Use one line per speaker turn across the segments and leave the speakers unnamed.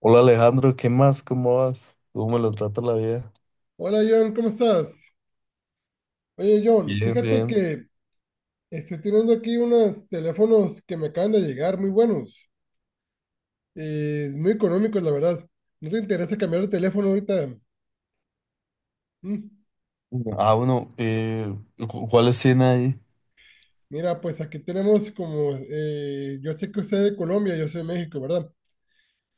Hola, Alejandro, ¿qué más? ¿Cómo vas? ¿Cómo me lo trata la vida?
Hola John, ¿cómo estás? Oye John,
Bien,
fíjate
bien.
que estoy teniendo aquí unos teléfonos que me acaban de llegar, muy buenos, muy económicos la verdad. ¿No te interesa cambiar de teléfono ahorita? Mm,
Ah, bueno, ¿cuáles tiene ahí?
Mira, pues aquí tenemos como, yo sé que usted es de Colombia, yo soy de México, ¿verdad?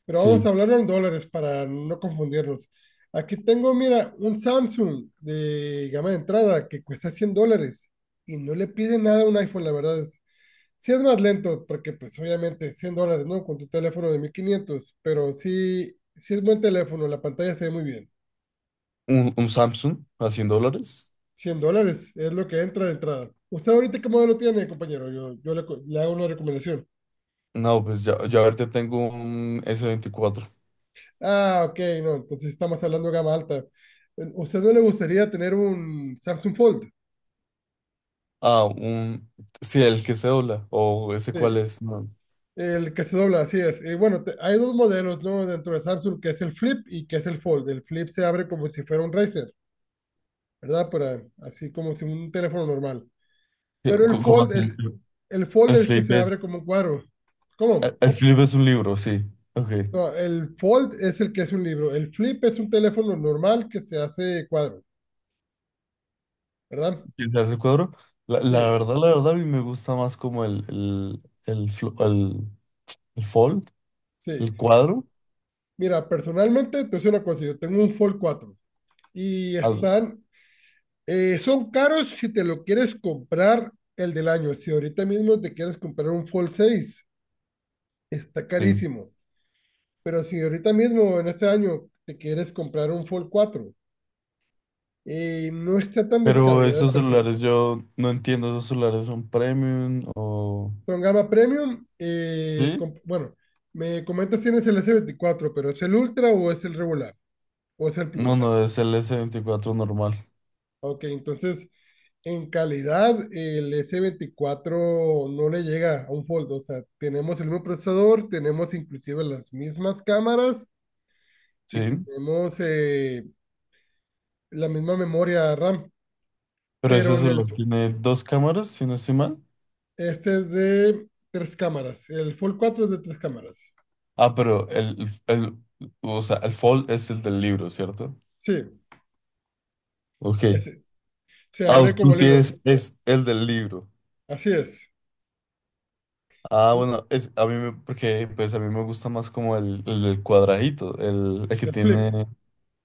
Pero vamos a
Sí,
hablarlo en dólares para no confundirnos. Aquí tengo, mira, un Samsung de gama de entrada que cuesta $100 y no le pide nada a un iPhone, la verdad. Sí es más lento, porque pues obviamente $100, ¿no? Con tu teléfono de 1.500, pero sí, sí es buen teléfono, la pantalla se ve muy bien.
un Samsung a $100.
$100 es lo que entra de entrada. ¿Usted ahorita qué modelo tiene, compañero? Yo le hago una recomendación.
No, pues ya, yo ahorita tengo un S24.
Ah, ok, no, entonces estamos hablando de gama alta. ¿Usted no le gustaría tener un Samsung Fold?
Ah, un... Sí, el que se dobla. O ese cuál
Sí,
es. No.
el que se dobla, así es. Y bueno, hay dos modelos, ¿no? Dentro de Samsung, que es el Flip y que es el Fold. El Flip se abre como si fuera un Razer, ¿verdad? Para, así como si un teléfono normal.
Sí,
Pero el
¿Cómo
fold
hace el
es,
flip?
el fold
El
es que
flip
se abre
es...
como un cuadro.
El
¿Cómo?
el flip es un libro, sí. Ok.
No, el fold es el que es un libro. El flip es un teléfono normal que se hace cuadro, ¿verdad?
¿Quién se hace cuadro? La, la
Sí,
verdad, la verdad, a mí me gusta más como el fold,
sí.
el cuadro.
Mira, personalmente, te soy una cosa, yo tengo un Fold 4 y
Al-
son caros si te lo quieres comprar el del año. Si ahorita mismo te quieres comprar un Fold 6 está
sí.
carísimo. Pero si ahorita mismo, en este año, te quieres comprar un Fold 4, no está tan
Pero
descabellado el
esos
precio.
celulares, yo no entiendo, ¿esos celulares son premium o...?
Son gama premium. eh,
Sí.
com- bueno, me comentas si tienes el S24, pero ¿es el Ultra o es el regular? ¿O es el
No,
Plus?
no, es el S24 normal.
Ok, entonces en calidad el S24 no le llega a un Fold. O sea, tenemos el mismo procesador, tenemos inclusive las mismas cámaras y
Sí.
tenemos la misma memoria RAM,
Pero ese
pero en el
celular tiene dos cámaras, si no estoy mal.
este es de tres cámaras. El Fold 4 es de tres cámaras.
Ah, o sea, el Fold es el del libro, ¿cierto?
Sí,
Ok.
ese se
Ah,
abre como
tú
libro.
tienes, es el del libro.
Así es.
Ah, bueno, es, a mí me, porque pues a mí me gusta más como el del cuadradito, el que
El flip.
tiene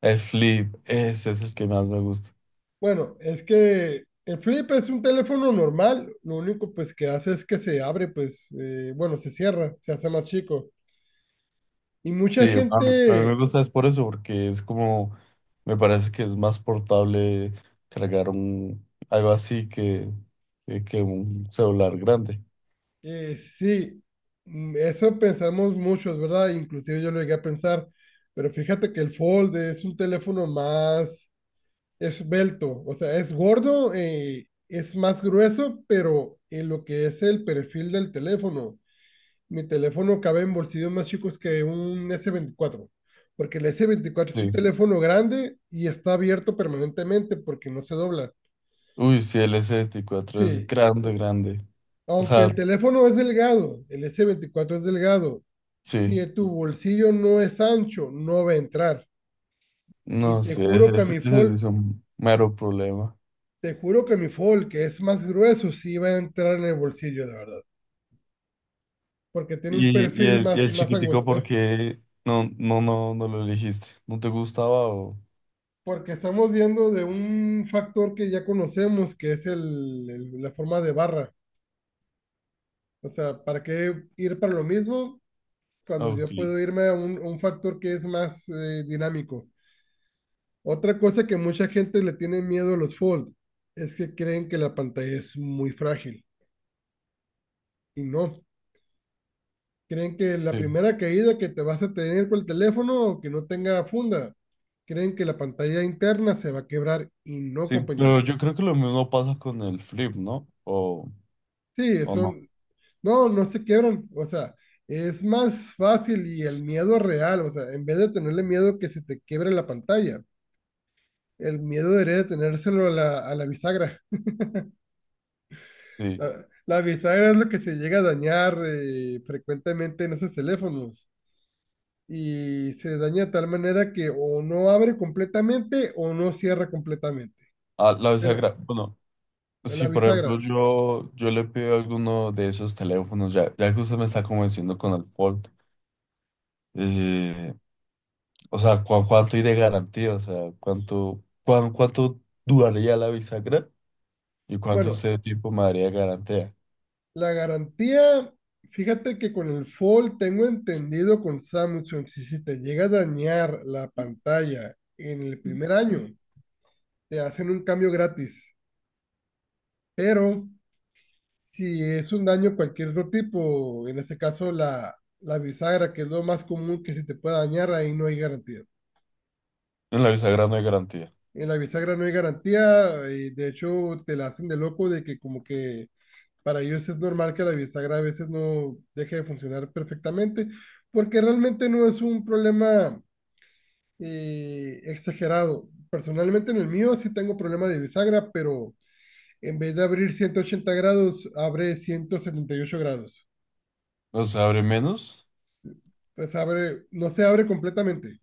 el flip, ese es el que más me gusta.
Bueno, es que el flip es un teléfono normal, lo único pues que hace es que se abre, pues, bueno, se cierra, se hace más chico. Y mucha
Sí, a mí me
gente,
gusta es por eso, porque es como, me parece que es más portable cargar algo así que un celular grande.
sí, eso pensamos muchos, ¿verdad? Inclusive yo lo llegué a pensar, pero fíjate que el Fold es un teléfono más esbelto, o sea, es gordo, es más grueso, pero en lo que es el perfil del teléfono, mi teléfono cabe en bolsillos más chicos que un S24, porque el S24 es un
Sí.
teléfono grande y está abierto permanentemente porque no se dobla.
Uy, sí, el S24 es
Sí,
grande, grande. O
aunque
sea,
el teléfono es delgado, el S24 es delgado,
sí,
si tu bolsillo no es ancho, no va a entrar. Y
no,
te
sí,
juro que mi
ese sí
Fold,
es un mero problema.
que es más grueso, sí va a entrar en el bolsillo, la verdad, porque tiene un
Y, y,
perfil
el, y
más,
el
más
chiquitico,
angosto.
¿por qué no lo elegiste? ¿No te gustaba o...?
Porque estamos viendo de un factor que ya conocemos, que es la forma de barra. O sea, ¿para qué ir para lo mismo
Ah,
cuando
Ok,
yo puedo irme a un factor que es más dinámico? Otra cosa que mucha gente le tiene miedo a los fold es que creen que la pantalla es muy frágil y no. Creen que la
sí.
primera caída que te vas a tener con el teléfono, que no tenga funda, creen que la pantalla interna se va a quebrar y no,
Sí, pero
compañero.
yo creo que lo mismo pasa con el flip, ¿no?
Sí,
O
eso.
no.
No, no se quiebran, o sea, es más fácil y el miedo real, o sea, en vez de tenerle miedo que se te quiebre la pantalla, el miedo debería de tenérselo a la bisagra.
Sí,
La bisagra es lo que se llega a dañar frecuentemente en esos teléfonos y se daña de tal manera que o no abre completamente o no cierra completamente.
ah, la
Pero
bisagra, bueno, si
la
por ejemplo
bisagra,
yo le pido alguno de esos teléfonos, ya que usted me está convenciendo con el Fold, eh, o sea, ¿cu- cuánto hay de garantía? O sea, ¿cuánto duraría la bisagra y cuánto
bueno.
usted de tiempo me daría de garantía?
La garantía, fíjate que con el Fold tengo entendido con Samsung, si te llega a dañar la pantalla en el primer año, te hacen un cambio gratis. Pero si es un daño cualquier otro tipo, en este caso la bisagra, que es lo más común que se te pueda dañar, ahí no hay garantía.
En la bisagra no hay garantía.
En la bisagra no hay garantía, y de hecho te la hacen de loco de que como que para ellos es normal que la bisagra a veces no deje de funcionar perfectamente, porque realmente no es un problema exagerado. Personalmente en el mío sí tengo problema de bisagra, pero en vez de abrir 180 grados, abre 178 grados.
O sea, abre menos.
Pues abre, no se abre completamente.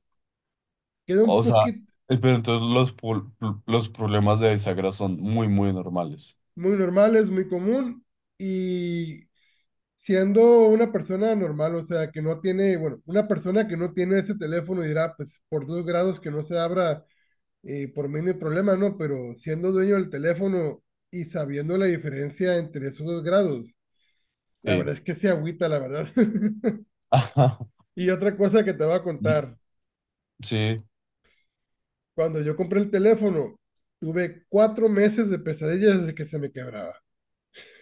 Queda un
O sea,
poquito
pero entonces los problemas de bisagra son muy, muy normales.
muy normal, es muy común y siendo una persona normal, o sea, que no tiene, bueno, una persona que no tiene ese teléfono dirá, pues por 2 grados que no se abra y por mí no hay problema, ¿no? Pero siendo dueño del teléfono y sabiendo la diferencia entre esos 2 grados, la
Sí.
verdad es que se agüita, la verdad.
Ajá.
Y otra cosa que te voy a contar,
Sí,
cuando yo compré el teléfono, tuve 4 meses de pesadillas de que se me quebraba.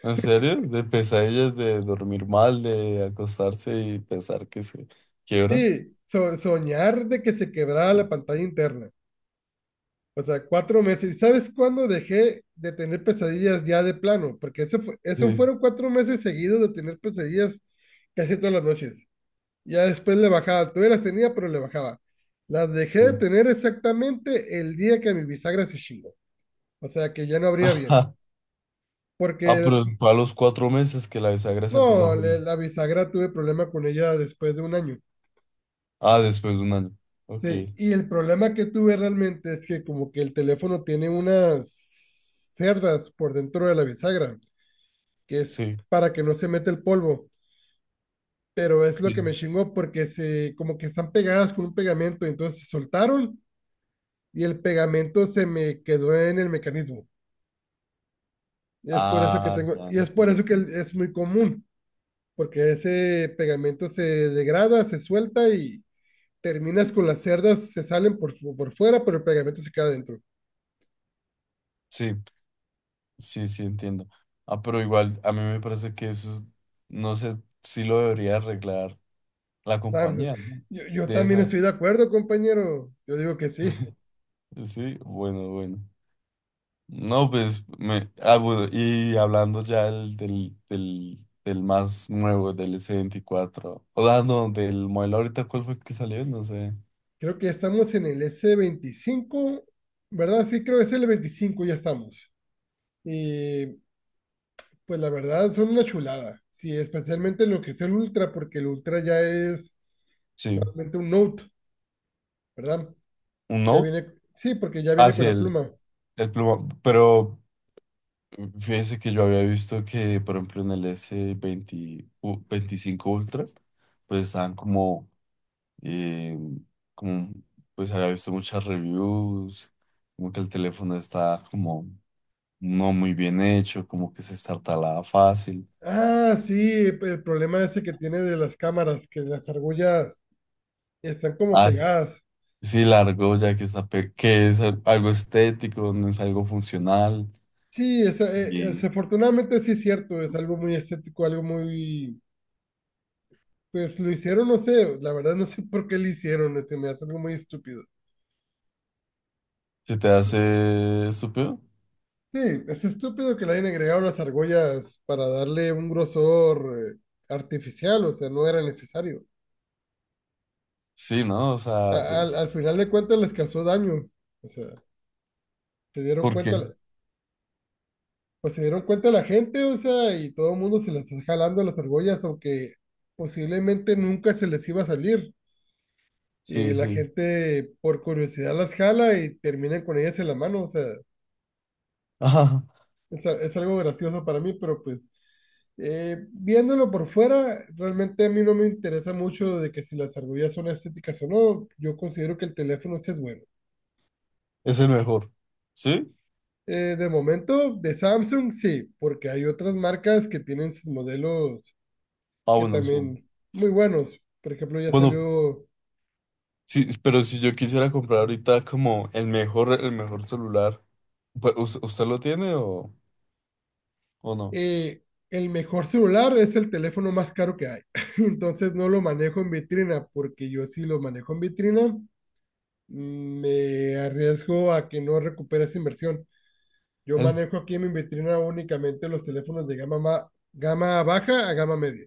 ¿en serio? De pesadillas, de dormir mal, de acostarse y pensar que se quiebra.
Sí, soñar de que se quebraba la pantalla interna. O sea, 4 meses. ¿Y sabes cuándo dejé de tener pesadillas ya de plano? Porque eso
Sí,
fueron 4 meses seguidos de tener pesadillas casi todas las noches. Ya después le bajaba, todavía las tenía, pero le bajaba. Las dejé de
sí.
tener exactamente el día que mi bisagra se chingó. O sea que ya no abría bien. Porque,
Ah, pero fue a los cuatro meses que la bisagra se empezó a
no, le-
juntar.
la bisagra tuve problema con ella después de un año.
Ah, después de un año. Ok,
Sí, y el problema que tuve realmente es que como que el teléfono tiene unas cerdas por dentro de la bisagra, que es
sí,
para que no se meta el polvo. Pero es lo que me
sí.
chingó porque como que están pegadas con un pegamento, entonces se soltaron y el pegamento se me quedó en el mecanismo. Es por eso que
Ah,
tengo,
ya
y es por eso que
entiendo.
es muy común, porque ese pegamento se degrada, se suelta y terminas con las cerdas, se salen por fuera, pero el pegamento se queda dentro.
Sí, sí, sí, entiendo. Ah, pero igual, a mí me parece que eso es- no sé si lo debería arreglar la compañía, ¿no?
Yo
De
también
esa,
estoy de acuerdo, compañero. Yo digo que sí.
sí, bueno, bueno. No, pues, me, ah, bueno, y hablando ya del más nuevo, del S24. O sea, no, del modelo ahorita, ¿cuál fue el que salió? No sé.
Creo que estamos en el S25, ¿verdad? Sí, creo que es el 25 ya estamos. Y pues la verdad son una chulada. Sí, especialmente lo que es el Ultra, porque el Ultra ya es
Sí,
realmente un note, ¿verdad?
un
Ya
Note.
viene, sí, porque ya viene con
Hacia
la pluma.
el pluma. Pero fíjese que yo había visto que, por ejemplo, en el S20, u- 25 Ultra, pues estaban eh, como, pues había visto muchas reviews, como que el teléfono está como no muy bien hecho, como que se estartalaba fácil.
Ah, sí, el problema ese que tiene de las cámaras, que las argollas están como
Así,
pegadas.
sí, sí, está que es algo estético, no es algo funcional
Sí,
y
desafortunadamente sí es cierto, es algo muy estético, algo muy... Pues lo hicieron, no sé, la verdad no sé por qué lo hicieron, se me hace algo muy estúpido.
se te hace estúpido.
Sí, es estúpido que le hayan agregado las argollas para darle un grosor artificial, o sea, no era necesario.
Sí, ¿no? O
A-
sea,
al,
pues,
al final de cuentas les causó daño, o sea, se dieron
¿por qué?
cuenta, pues se dieron cuenta la gente, o sea, y todo el mundo se las está jalando las argollas, aunque posiblemente nunca se les iba a salir. Y
Sí,
la
sí.
gente por curiosidad las jala y terminan con ellas en la mano, o sea,
Ajá,
es algo gracioso para mí, pero pues viéndolo por fuera, realmente a mí no me interesa mucho de que si las argollas son estéticas o no, yo considero que el teléfono sí es bueno.
es el mejor. ¿Sí?
De momento, de Samsung sí, porque hay otras marcas que tienen sus modelos
Ah,
que
bueno, su-
también muy buenos. Por ejemplo, ya
Bueno,
salió.
sí, pero si yo quisiera comprar ahorita como el mejor celular, pues, ¿usted lo tiene o no?
eh, el mejor celular es el teléfono más caro que hay. Entonces no lo manejo en vitrina porque yo sí lo manejo en vitrina, me arriesgo a que no recupere esa inversión. Yo
el
manejo aquí en mi vitrina únicamente los teléfonos de gama baja a gama media.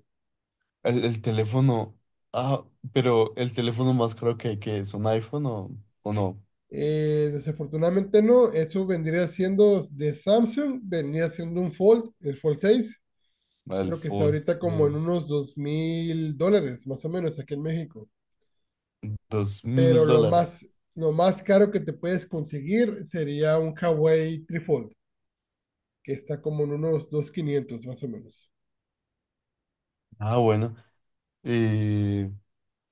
el teléfono. Ah, pero el teléfono más caro que es un iPhone o no.
Desafortunadamente no, eso vendría siendo de Samsung, vendría siendo un Fold, el Fold 6.
El
Creo que está
full,
ahorita
sí,
como en unos $2.000, más o menos, aquí en México.
dos
Pero
mil
lo
dólares.
más, lo más caro que te puedes conseguir sería un Hawaii Trifold, que está como en unos 2.500 más o menos.
Ah, bueno. Eh,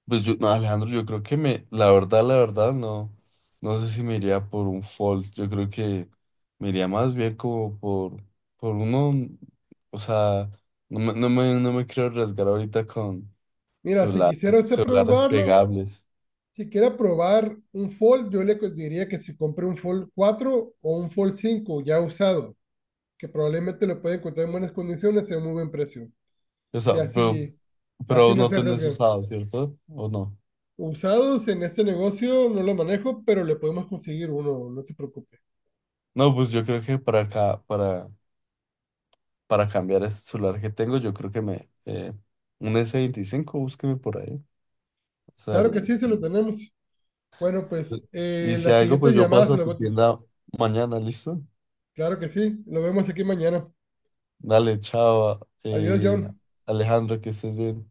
pues yo, no, Alejandro, yo creo que me, la verdad, no. No sé si me iría por un Fold. Yo creo que me iría más bien como por uno. O sea, no me quiero arriesgar ahorita con
Mira, si
celular,
quisiera usted
celulares
probarlo,
pegables.
si quiere probar un Fold, yo le diría que se compre un Fold 4 o un Fold 5 ya usado, que probablemente lo puede encontrar en buenas condiciones y a un muy buen precio.
O
Y
sea,
así, y
pero
así
vos
no
no
se
tenés
arriesgan.
usado, ¿cierto? ¿O no?
Usados en este negocio no lo manejo, pero le podemos conseguir uno, no se preocupe.
No, pues yo creo que para acá, para cambiar este celular que tengo, yo creo que me, un S25 búsqueme por ahí. O sea,
Claro que
el-
sí, se lo tenemos. Bueno, pues
y si
la
algo,
siguiente
pues yo
llamada
paso
se
a
lo
tu
bote.
tienda mañana, ¿listo?
Claro que sí, lo vemos aquí mañana.
Dale, chao,
Adiós, John.
Alejandro, que estés bien.